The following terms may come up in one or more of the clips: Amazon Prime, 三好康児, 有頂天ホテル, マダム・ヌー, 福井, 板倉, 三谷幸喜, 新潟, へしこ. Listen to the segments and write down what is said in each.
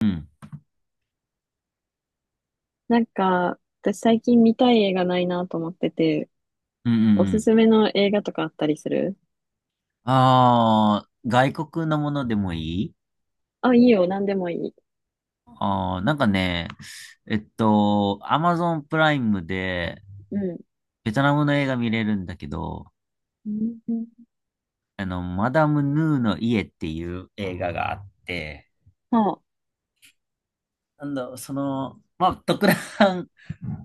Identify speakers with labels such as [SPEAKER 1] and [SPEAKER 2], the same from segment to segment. [SPEAKER 1] うん。
[SPEAKER 2] なんか、私最近見たい映画ないなと思ってて、
[SPEAKER 1] うんう
[SPEAKER 2] お
[SPEAKER 1] んう
[SPEAKER 2] す
[SPEAKER 1] ん。
[SPEAKER 2] すめの映画とかあったりする？
[SPEAKER 1] ああ、外国のものでもいい。
[SPEAKER 2] あ、いいよ、なんでもいい。
[SPEAKER 1] ああー、なんかね、アマゾンプライムで、
[SPEAKER 2] うん。
[SPEAKER 1] ベトナムの映画見れるんだけど、
[SPEAKER 2] うん。
[SPEAKER 1] マダム・ヌーの家っていう映画があって、
[SPEAKER 2] そ
[SPEAKER 1] なんだ、その、まあ、特段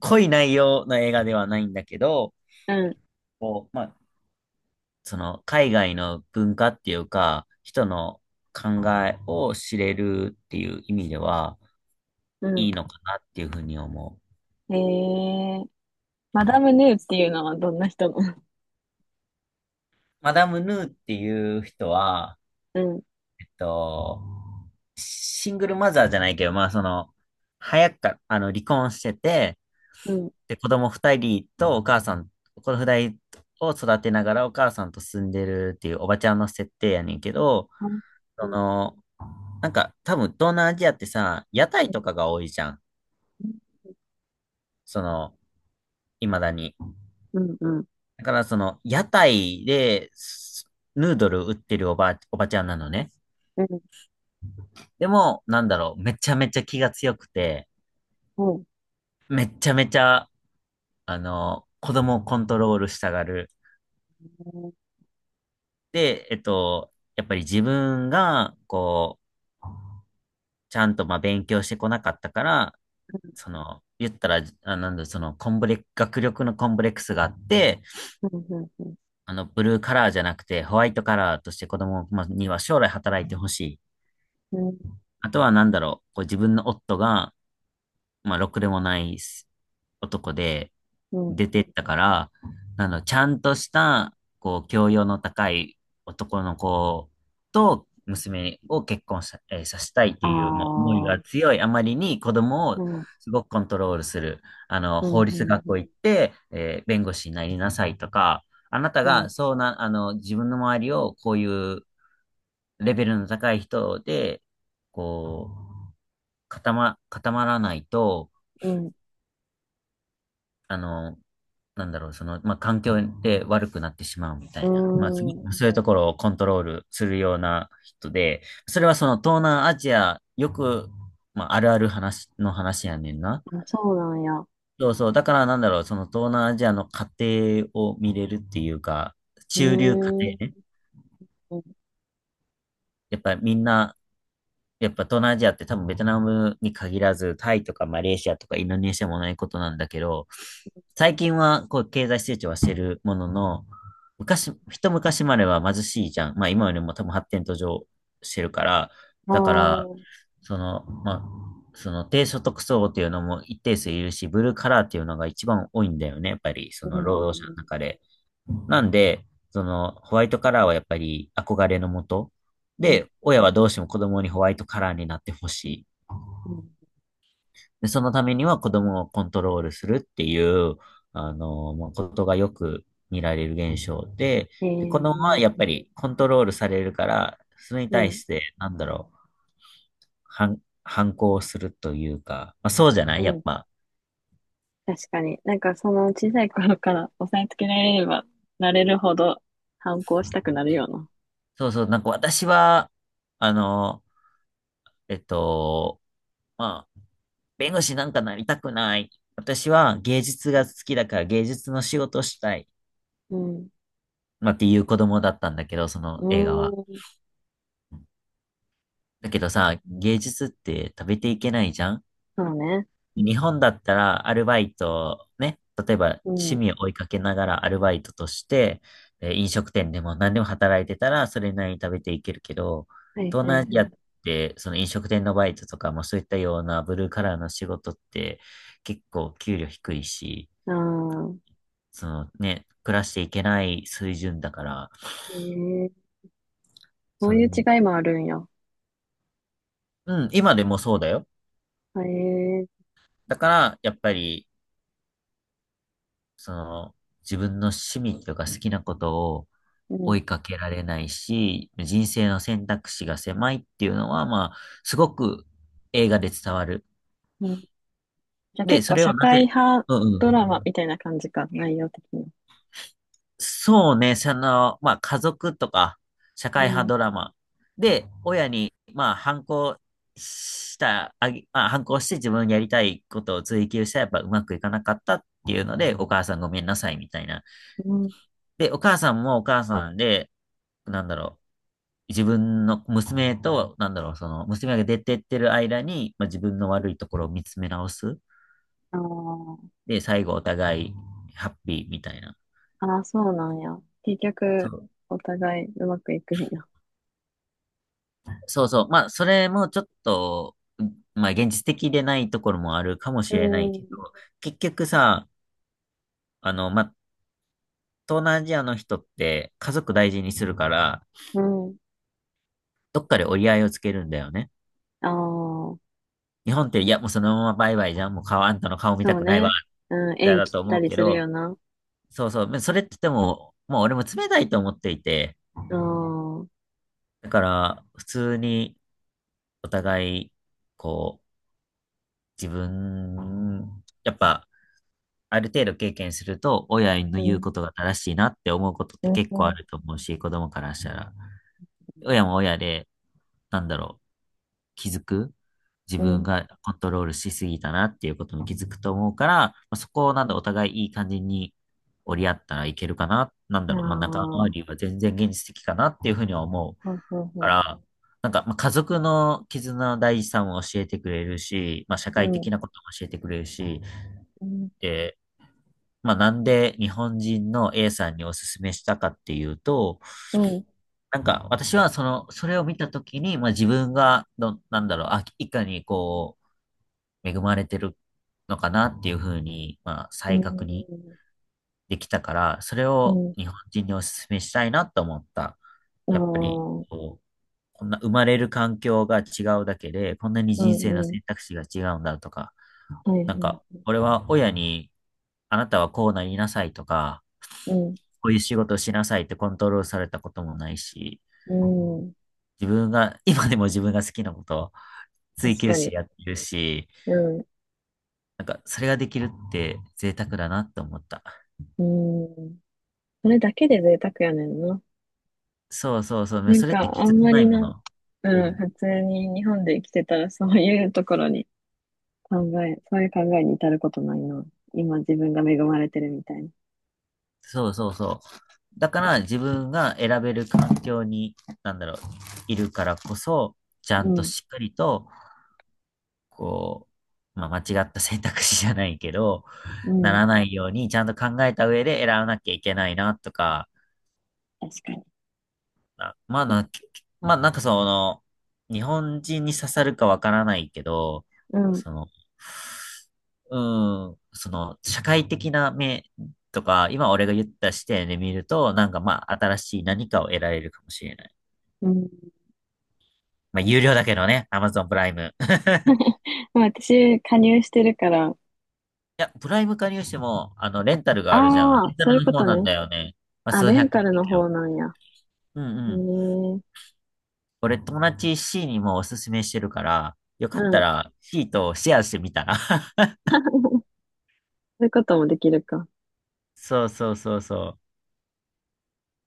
[SPEAKER 1] 濃い内容の映画ではないんだけど、
[SPEAKER 2] う。うん。
[SPEAKER 1] こう、まあ、その、海外の文化っていうか、人の考えを知れるっていう意味では、いい
[SPEAKER 2] う
[SPEAKER 1] のかなっていうふうに思う。
[SPEAKER 2] ん。えー、マダム・ヌーっていうのはどんな人なの？
[SPEAKER 1] マダム・ヌーっていう人は、
[SPEAKER 2] うん。
[SPEAKER 1] えっと、シングルマザーじゃないけど、まあその、早くか、離婚してて、
[SPEAKER 2] うん。
[SPEAKER 1] で、子供二人とお母さん、子供二人を育てながらお母さんと住んでるっていうおばちゃんの設定やねんけど、
[SPEAKER 2] あ。う
[SPEAKER 1] そ
[SPEAKER 2] ん
[SPEAKER 1] の、なんか多分東南アジアってさ、屋
[SPEAKER 2] う
[SPEAKER 1] 台とか
[SPEAKER 2] ん。
[SPEAKER 1] が多いじゃん。その、未だに。
[SPEAKER 2] うん。うん。うん。うん。
[SPEAKER 1] だからその、屋台で、ヌードル売ってるおばちゃんなのね。
[SPEAKER 2] うん。
[SPEAKER 1] でも、なんだろう、めちゃめちゃ気が強くて、
[SPEAKER 2] うん。
[SPEAKER 1] めっちゃめちゃ、子供をコントロールしたがる。で、やっぱり自分が、こう、ちゃんと、まあ、勉強してこなかったから、その、言ったら、あ、なんだ、その、コンブレ、学力のコンブレックスがあって、ブルーカラーじゃなくて、ホワイトカラーとして子供まあには将来働いてほしい。
[SPEAKER 2] うん。
[SPEAKER 1] あとは、なんだろう、こう自分の夫が、まあ、ろくでもない男で、
[SPEAKER 2] うん。
[SPEAKER 1] 出てったから、ちゃんとした、こう、教養の高い男の子と娘を結婚さ、えーさせたいっ
[SPEAKER 2] あ
[SPEAKER 1] ていう、もう思い
[SPEAKER 2] あー。
[SPEAKER 1] が強いあまりに子供を
[SPEAKER 2] うん。
[SPEAKER 1] すごくコントロールする。
[SPEAKER 2] うん。
[SPEAKER 1] 法律学
[SPEAKER 2] う
[SPEAKER 1] 校行
[SPEAKER 2] ん。
[SPEAKER 1] って、弁護士になりなさいとか、あなた
[SPEAKER 2] う
[SPEAKER 1] が
[SPEAKER 2] ん。
[SPEAKER 1] そうな、自分の周りをこういうレベルの高い人で、こう、固まらないと、
[SPEAKER 2] うん。
[SPEAKER 1] あの、なんだろう、その、まあ、環境で悪くなってしまうみた
[SPEAKER 2] う
[SPEAKER 1] いな、まあ、す
[SPEAKER 2] ん。うん。
[SPEAKER 1] ごくそういうところをコントロールするような人で、それはその東南アジア、よく、まあ、あるある話の話やねんな。
[SPEAKER 2] あ、そうなんや。う
[SPEAKER 1] そうそう、だからなんだろう、その東南アジアの家庭を見れるっていうか、
[SPEAKER 2] ー
[SPEAKER 1] 中流家庭
[SPEAKER 2] ん。
[SPEAKER 1] ね。やっぱりみんなやっぱ東南アジアって多分ベトナムに限らず、タイとかマレーシアとかインドネシアもないことなんだけど、最近はこう経済成長はしてるものの、昔、一昔までは貧しいじゃん。まあ今よりも多分発展途上してるから、
[SPEAKER 2] あ
[SPEAKER 1] だから、
[SPEAKER 2] あ。
[SPEAKER 1] その、まあ、その低所得層っていうのも一定数いるし、ブルーカラーっていうのが一番多いんだよね。やっぱりそ
[SPEAKER 2] う
[SPEAKER 1] の
[SPEAKER 2] ん。
[SPEAKER 1] 労
[SPEAKER 2] う
[SPEAKER 1] 働者
[SPEAKER 2] ん。
[SPEAKER 1] の中で。なんで、その、ホワイトカラーはやっぱり憧れのもと。
[SPEAKER 2] うん。うん。
[SPEAKER 1] で、親はどうしても子供にホワイトカラーになってほしい。
[SPEAKER 2] うん。
[SPEAKER 1] で、そのためには子供をコントロールするっていう、まあことがよく見られる現象で、で、子供はやっ
[SPEAKER 2] ええ。
[SPEAKER 1] ぱりコントロールされるから、それに
[SPEAKER 2] う
[SPEAKER 1] 対
[SPEAKER 2] ん。
[SPEAKER 1] して、なんだろう、反抗するというか、まあ、そうじゃな
[SPEAKER 2] う
[SPEAKER 1] いやっ
[SPEAKER 2] ん。
[SPEAKER 1] ぱ。
[SPEAKER 2] 確かに。なんかその小さい頃から押さえつけられればなれるほど反抗したくなるような。
[SPEAKER 1] そうそう、なんか私は、あの、えっと、まあ、弁護士なんかなりたくない。私は芸術が好きだから芸術の仕事したい。
[SPEAKER 2] うん。
[SPEAKER 1] まあ、っていう子供だったんだけど、その
[SPEAKER 2] う
[SPEAKER 1] 映画は。
[SPEAKER 2] ーん。
[SPEAKER 1] だけどさ、芸術って食べていけないじゃん。
[SPEAKER 2] そうね。
[SPEAKER 1] 日本だったらアルバイト、ね、例えば
[SPEAKER 2] うん。
[SPEAKER 1] 趣
[SPEAKER 2] は
[SPEAKER 1] 味を追いかけながらアルバイトとして、飲食店でも何でも働いてたらそれなりに食べていけるけど、
[SPEAKER 2] い。はい。
[SPEAKER 1] 東南アジ
[SPEAKER 2] は
[SPEAKER 1] ア
[SPEAKER 2] い。
[SPEAKER 1] ってその飲食店のバイトとかもそういったようなブルーカラーの仕事って結構給料低いし、
[SPEAKER 2] ああ。
[SPEAKER 1] そのね、暮らしていけない水準だから、
[SPEAKER 2] ええ。そう
[SPEAKER 1] そ
[SPEAKER 2] いう
[SPEAKER 1] の、
[SPEAKER 2] 違いもあるんや。
[SPEAKER 1] うん、今でもそうだよ。
[SPEAKER 2] へえ。
[SPEAKER 1] だから、やっぱり、その、自分の趣味とか好きなことを
[SPEAKER 2] う
[SPEAKER 1] 追
[SPEAKER 2] ん。
[SPEAKER 1] いかけられないし、人生の選択肢が狭いっていうのは、まあ、すごく映画で伝わる。
[SPEAKER 2] うん。じゃあ
[SPEAKER 1] で、
[SPEAKER 2] 結
[SPEAKER 1] そ
[SPEAKER 2] 構
[SPEAKER 1] れを
[SPEAKER 2] 社
[SPEAKER 1] な
[SPEAKER 2] 会
[SPEAKER 1] ぜ、
[SPEAKER 2] 派
[SPEAKER 1] うんう
[SPEAKER 2] ドラ
[SPEAKER 1] ん。
[SPEAKER 2] マみたいな感じか、内容的に。
[SPEAKER 1] そうね、その、まあ、家族とか、社
[SPEAKER 2] う
[SPEAKER 1] 会派
[SPEAKER 2] ん。
[SPEAKER 1] ドラマ。で、親に、まあ、反抗した、あげ、まあ、反抗して自分のやりたいことを追求したら、やっぱうまくいかなかったっていうので、お母さんごめんなさいみたいな。
[SPEAKER 2] うん。
[SPEAKER 1] で、お母さんもお母さんで、なんだろう、自分の娘と、なんだろう、その、娘が出てってる間に、まあ、自分の悪いところを見つめ直す。
[SPEAKER 2] あ
[SPEAKER 1] で、最後お互いハッピーみたいな。
[SPEAKER 2] あ。ああ、そうなんや。結
[SPEAKER 1] そ
[SPEAKER 2] 局、
[SPEAKER 1] う
[SPEAKER 2] お互いうまくいくんや。
[SPEAKER 1] そうそう。まあ、それもちょっと、まあ、現実的でないところもあるかも
[SPEAKER 2] う
[SPEAKER 1] しれないけど、
[SPEAKER 2] ん、
[SPEAKER 1] 結局さ、まあ、東南アジアの人って家族大事にするから、
[SPEAKER 2] うん。
[SPEAKER 1] どっかで折り合いをつけるんだよね。
[SPEAKER 2] ああ、
[SPEAKER 1] 日本って、いや、もうそのままバイバイじゃん。もう顔、あんたの顔見た
[SPEAKER 2] そう
[SPEAKER 1] くないわ、っ
[SPEAKER 2] ね。うん、
[SPEAKER 1] て
[SPEAKER 2] 縁
[SPEAKER 1] だ
[SPEAKER 2] 切っ
[SPEAKER 1] と
[SPEAKER 2] た
[SPEAKER 1] 思う
[SPEAKER 2] り
[SPEAKER 1] け
[SPEAKER 2] するよ
[SPEAKER 1] ど、
[SPEAKER 2] な。
[SPEAKER 1] そうそう。それってでも、もう俺も冷たいと思っていて、
[SPEAKER 2] ああ、うん、
[SPEAKER 1] だから、普通にお互い、こう、自分、やっぱ、ある程度経験すると、親の
[SPEAKER 2] う
[SPEAKER 1] 言う
[SPEAKER 2] ん、
[SPEAKER 1] ことが正しいなって思うことっ
[SPEAKER 2] う
[SPEAKER 1] て結構あ
[SPEAKER 2] ん。
[SPEAKER 1] ると思うし、子供からしたら。親も親で、なんだろう、気づく自
[SPEAKER 2] う
[SPEAKER 1] 分
[SPEAKER 2] ん。
[SPEAKER 1] がコントロールしすぎたなっていうことも気づくと思うから、まあ、そこをなんだ、お互いいい感じに折り合ったらいけるかな、なん
[SPEAKER 2] あ
[SPEAKER 1] だろう、まあ、仲間
[SPEAKER 2] あ、
[SPEAKER 1] 割りは全然現実的かなっていうふうには思う
[SPEAKER 2] そうそう
[SPEAKER 1] か
[SPEAKER 2] そ
[SPEAKER 1] ら、なんか、まあ、家族の絆の大事さも教えてくれるし、まあ、社
[SPEAKER 2] う。う
[SPEAKER 1] 会
[SPEAKER 2] ん、
[SPEAKER 1] 的なことも教えてくれるし、
[SPEAKER 2] うん、
[SPEAKER 1] でまあ、なんで日本人の A さんにおすすめしたかっていうと、
[SPEAKER 2] うん、
[SPEAKER 1] なんか私はその、それを見たときに、まあ、自分がど、なんだろう、あ、いかにこう、恵まれてるのかなっていうふうに、まあ、
[SPEAKER 2] う
[SPEAKER 1] 再確認
[SPEAKER 2] ん、
[SPEAKER 1] できたから、それ
[SPEAKER 2] う
[SPEAKER 1] を
[SPEAKER 2] ん。
[SPEAKER 1] 日本人におすすめしたいなと思った。
[SPEAKER 2] あ
[SPEAKER 1] やっぱり、
[SPEAKER 2] あ、
[SPEAKER 1] こう、こんな生まれる環境が違うだけで、こんなに
[SPEAKER 2] う
[SPEAKER 1] 人生の
[SPEAKER 2] ん、うん。
[SPEAKER 1] 選択肢が違うんだとか、
[SPEAKER 2] はい、は
[SPEAKER 1] なんか、
[SPEAKER 2] い。
[SPEAKER 1] 俺は親に、あなたはこうなりなさいとか、
[SPEAKER 2] うん、
[SPEAKER 1] こういう仕事をしなさいってコントロールされたこともないし、
[SPEAKER 2] うん。
[SPEAKER 1] 自分が、今でも自分が好きなことを
[SPEAKER 2] 確
[SPEAKER 1] 追求
[SPEAKER 2] か
[SPEAKER 1] し
[SPEAKER 2] に。
[SPEAKER 1] てやってるし、
[SPEAKER 2] うん、
[SPEAKER 1] なんかそれができるって贅沢だなって思った。
[SPEAKER 2] うん。それだけで贅沢やねんな。
[SPEAKER 1] そうそうそう、
[SPEAKER 2] なん
[SPEAKER 1] それって
[SPEAKER 2] か、
[SPEAKER 1] 気
[SPEAKER 2] あ
[SPEAKER 1] づ
[SPEAKER 2] ん
[SPEAKER 1] か
[SPEAKER 2] ま
[SPEAKER 1] な
[SPEAKER 2] り
[SPEAKER 1] いも
[SPEAKER 2] な、
[SPEAKER 1] の。う
[SPEAKER 2] うん、
[SPEAKER 1] ん。
[SPEAKER 2] 普通に日本で生きてたらそういうところに考そういう考えに至ることないな。今自分が恵まれてるみたいな。
[SPEAKER 1] そうそうそう。だから自分が選べる環境に、なんだろう、いるからこそ、ちゃ
[SPEAKER 2] う
[SPEAKER 1] んと
[SPEAKER 2] ん、
[SPEAKER 1] しっかりと、こう、まあ、間違った選択肢じゃないけど、
[SPEAKER 2] う
[SPEAKER 1] な
[SPEAKER 2] ん、
[SPEAKER 1] らないように、ちゃんと考えた上で選ばなきゃいけないな、とか、
[SPEAKER 2] 確かに。
[SPEAKER 1] なまあな、まあなんかその、日本人に刺さるかわからないけど、
[SPEAKER 2] うん、
[SPEAKER 1] その、うん、その、社会的な目とか、今俺が言った視点で見ると、なんかまあ、新しい何かを得られるかもしれない。
[SPEAKER 2] うん。
[SPEAKER 1] まあ、有料だけどね、Amazon プライム。
[SPEAKER 2] まあ私、加入してるから、
[SPEAKER 1] いや、プライム加入しても、レンタルがあるじゃん。
[SPEAKER 2] あ
[SPEAKER 1] レ
[SPEAKER 2] あ、
[SPEAKER 1] ンタ
[SPEAKER 2] そういう
[SPEAKER 1] ルの
[SPEAKER 2] こ
[SPEAKER 1] 方
[SPEAKER 2] と
[SPEAKER 1] なん
[SPEAKER 2] ね。
[SPEAKER 1] だよね。まあ、
[SPEAKER 2] あ、
[SPEAKER 1] 数
[SPEAKER 2] レン
[SPEAKER 1] 百
[SPEAKER 2] タ
[SPEAKER 1] 円
[SPEAKER 2] ル
[SPEAKER 1] だ
[SPEAKER 2] の
[SPEAKER 1] けど。
[SPEAKER 2] 方なんや。
[SPEAKER 1] うん
[SPEAKER 2] へ
[SPEAKER 1] う
[SPEAKER 2] え、
[SPEAKER 1] ん。
[SPEAKER 2] うん。
[SPEAKER 1] 俺友達 C にもおすすめしてるから、よかったら C とシェアしてみたら。
[SPEAKER 2] そういうこともできるか。
[SPEAKER 1] そうそうそうそ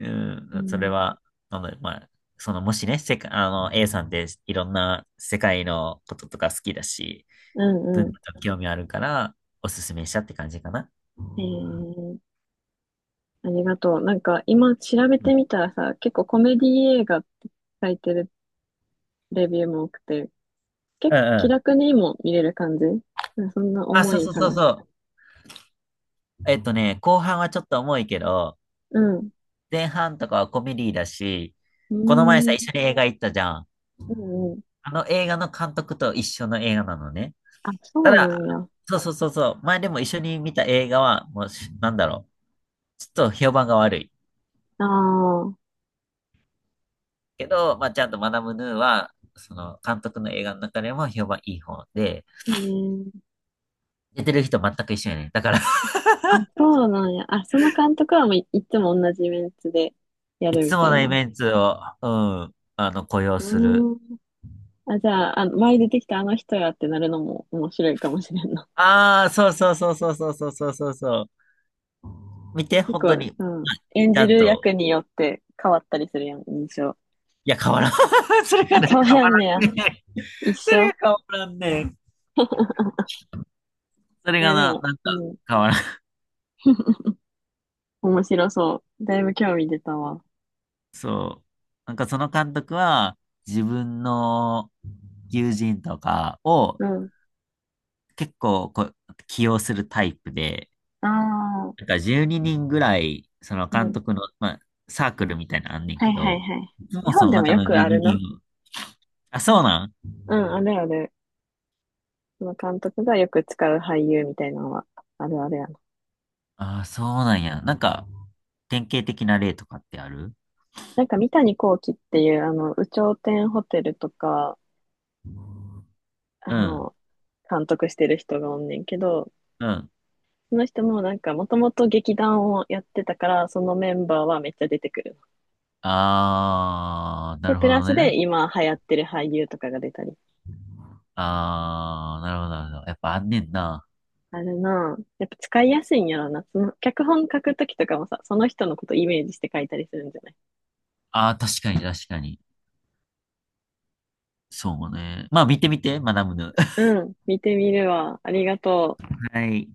[SPEAKER 1] う。
[SPEAKER 2] う
[SPEAKER 1] うん、それ
[SPEAKER 2] ん、
[SPEAKER 1] は、まあ、その、もしね、世界、A さんっていろんな世界のこととか好きだし、
[SPEAKER 2] うん、
[SPEAKER 1] 文
[SPEAKER 2] う
[SPEAKER 1] 化
[SPEAKER 2] ん。
[SPEAKER 1] と興味あるから、おすすめしたって感じかな。
[SPEAKER 2] ええ、ありがとう。なんか今調べ
[SPEAKER 1] う
[SPEAKER 2] て
[SPEAKER 1] ん
[SPEAKER 2] みたらさ、結構コメディ映画って書いてるレビューも多くて、結
[SPEAKER 1] うん
[SPEAKER 2] 構
[SPEAKER 1] う
[SPEAKER 2] 気
[SPEAKER 1] ん。
[SPEAKER 2] 楽にも見れる感じ。うんそんな
[SPEAKER 1] あ、
[SPEAKER 2] 重
[SPEAKER 1] そう
[SPEAKER 2] い
[SPEAKER 1] そうそう
[SPEAKER 2] 話。
[SPEAKER 1] そう。後半はちょっと重いけど、
[SPEAKER 2] うん。
[SPEAKER 1] 前半とかはコメディだし、
[SPEAKER 2] う
[SPEAKER 1] この前さ、
[SPEAKER 2] ー
[SPEAKER 1] 一
[SPEAKER 2] ん、
[SPEAKER 1] 緒に映画行ったじゃん。
[SPEAKER 2] うん。うん。
[SPEAKER 1] あの映画の監督と一緒の映画なのね。
[SPEAKER 2] あ、そ
[SPEAKER 1] た
[SPEAKER 2] うな
[SPEAKER 1] だ、
[SPEAKER 2] んや。
[SPEAKER 1] そうそうそうそう。前でも一緒に見た映画は、もうし、なんだろう。ちょっと評判が悪い。
[SPEAKER 2] ああ、
[SPEAKER 1] けど、まあ、ちゃんとマダムヌーは、その、監督の映画の中でも評判いい方で、
[SPEAKER 2] へえ。
[SPEAKER 1] 出てる人全く一緒やね。だから
[SPEAKER 2] あ、そうなんや。あ、その監督はもうい、いつも同じメンツでや
[SPEAKER 1] い
[SPEAKER 2] るみ
[SPEAKER 1] つ
[SPEAKER 2] た
[SPEAKER 1] も
[SPEAKER 2] い
[SPEAKER 1] のイ
[SPEAKER 2] な。
[SPEAKER 1] メンツを、うん、雇用
[SPEAKER 2] う
[SPEAKER 1] する。
[SPEAKER 2] ーん。あ、じゃあ、前出てきたあの人やってなるのも面白いかもしれんな。
[SPEAKER 1] ああ、そうそうそうそうそうそうそうそうそう。見て、
[SPEAKER 2] 結
[SPEAKER 1] 本当に。
[SPEAKER 2] 構、
[SPEAKER 1] はい
[SPEAKER 2] うん。演
[SPEAKER 1] ち
[SPEAKER 2] じ
[SPEAKER 1] ゃん
[SPEAKER 2] る役
[SPEAKER 1] と。
[SPEAKER 2] によって変わったりするやん、印象。
[SPEAKER 1] いや、変わらん。それ
[SPEAKER 2] あ、
[SPEAKER 1] がな、
[SPEAKER 2] 変
[SPEAKER 1] 変
[SPEAKER 2] わ
[SPEAKER 1] わ
[SPEAKER 2] らんねや。
[SPEAKER 1] らんね。
[SPEAKER 2] 一
[SPEAKER 1] それが
[SPEAKER 2] 緒。
[SPEAKER 1] 変わらんね。それ
[SPEAKER 2] い
[SPEAKER 1] が
[SPEAKER 2] や、で
[SPEAKER 1] な、
[SPEAKER 2] も、
[SPEAKER 1] なん
[SPEAKER 2] う
[SPEAKER 1] か、
[SPEAKER 2] ん。
[SPEAKER 1] 変わらん。
[SPEAKER 2] 面白そう。だいぶ興味出たわ。
[SPEAKER 1] そう。なんかその監督は自分の友人とかを
[SPEAKER 2] うん。
[SPEAKER 1] 結構こう起用するタイプで、
[SPEAKER 2] ああ、
[SPEAKER 1] なんか12人ぐらいその
[SPEAKER 2] う
[SPEAKER 1] 監
[SPEAKER 2] ん。
[SPEAKER 1] 督の、まあ、サークルみたいなのあんねん
[SPEAKER 2] はい。
[SPEAKER 1] け
[SPEAKER 2] はい。
[SPEAKER 1] ど、
[SPEAKER 2] はい。
[SPEAKER 1] いつ
[SPEAKER 2] 日
[SPEAKER 1] もそ
[SPEAKER 2] 本
[SPEAKER 1] の
[SPEAKER 2] でも
[SPEAKER 1] 中
[SPEAKER 2] よ
[SPEAKER 1] の
[SPEAKER 2] く
[SPEAKER 1] 12
[SPEAKER 2] あるな。
[SPEAKER 1] 人を、あ、そうなん
[SPEAKER 2] うん、あるある。その監督がよく使う俳優みたいなのは、あるあるやな。
[SPEAKER 1] ああ、そうなんや。なんか典型的な例とかってある
[SPEAKER 2] なんか三谷幸喜っていう、有頂天ホテルとか、
[SPEAKER 1] う
[SPEAKER 2] あ
[SPEAKER 1] ん、
[SPEAKER 2] の、監督してる人がおんねんけど、
[SPEAKER 1] うん。
[SPEAKER 2] その人もなんか、もともと劇団をやってたから、そのメンバーはめっちゃ出てくるの。
[SPEAKER 1] ああ、な
[SPEAKER 2] で、
[SPEAKER 1] るほ
[SPEAKER 2] プラ
[SPEAKER 1] ど
[SPEAKER 2] ス
[SPEAKER 1] ね。
[SPEAKER 2] で今流行ってる俳優とかが出たり。
[SPEAKER 1] ああ、なるほど、なるほど。やっぱあんねんな。
[SPEAKER 2] あるなぁ。やっぱ使いやすいんやろな。その、脚本書くときとかもさ、その人のことイメージして書いたりするんじゃない？
[SPEAKER 1] ああ、確かに確かに。そうね。まあ見てみて、学ぶぬ。
[SPEAKER 2] うん、見てみるわ。ありがとう。
[SPEAKER 1] はい。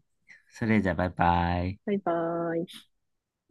[SPEAKER 1] それじゃあ、バイバイ。
[SPEAKER 2] バイバーイ。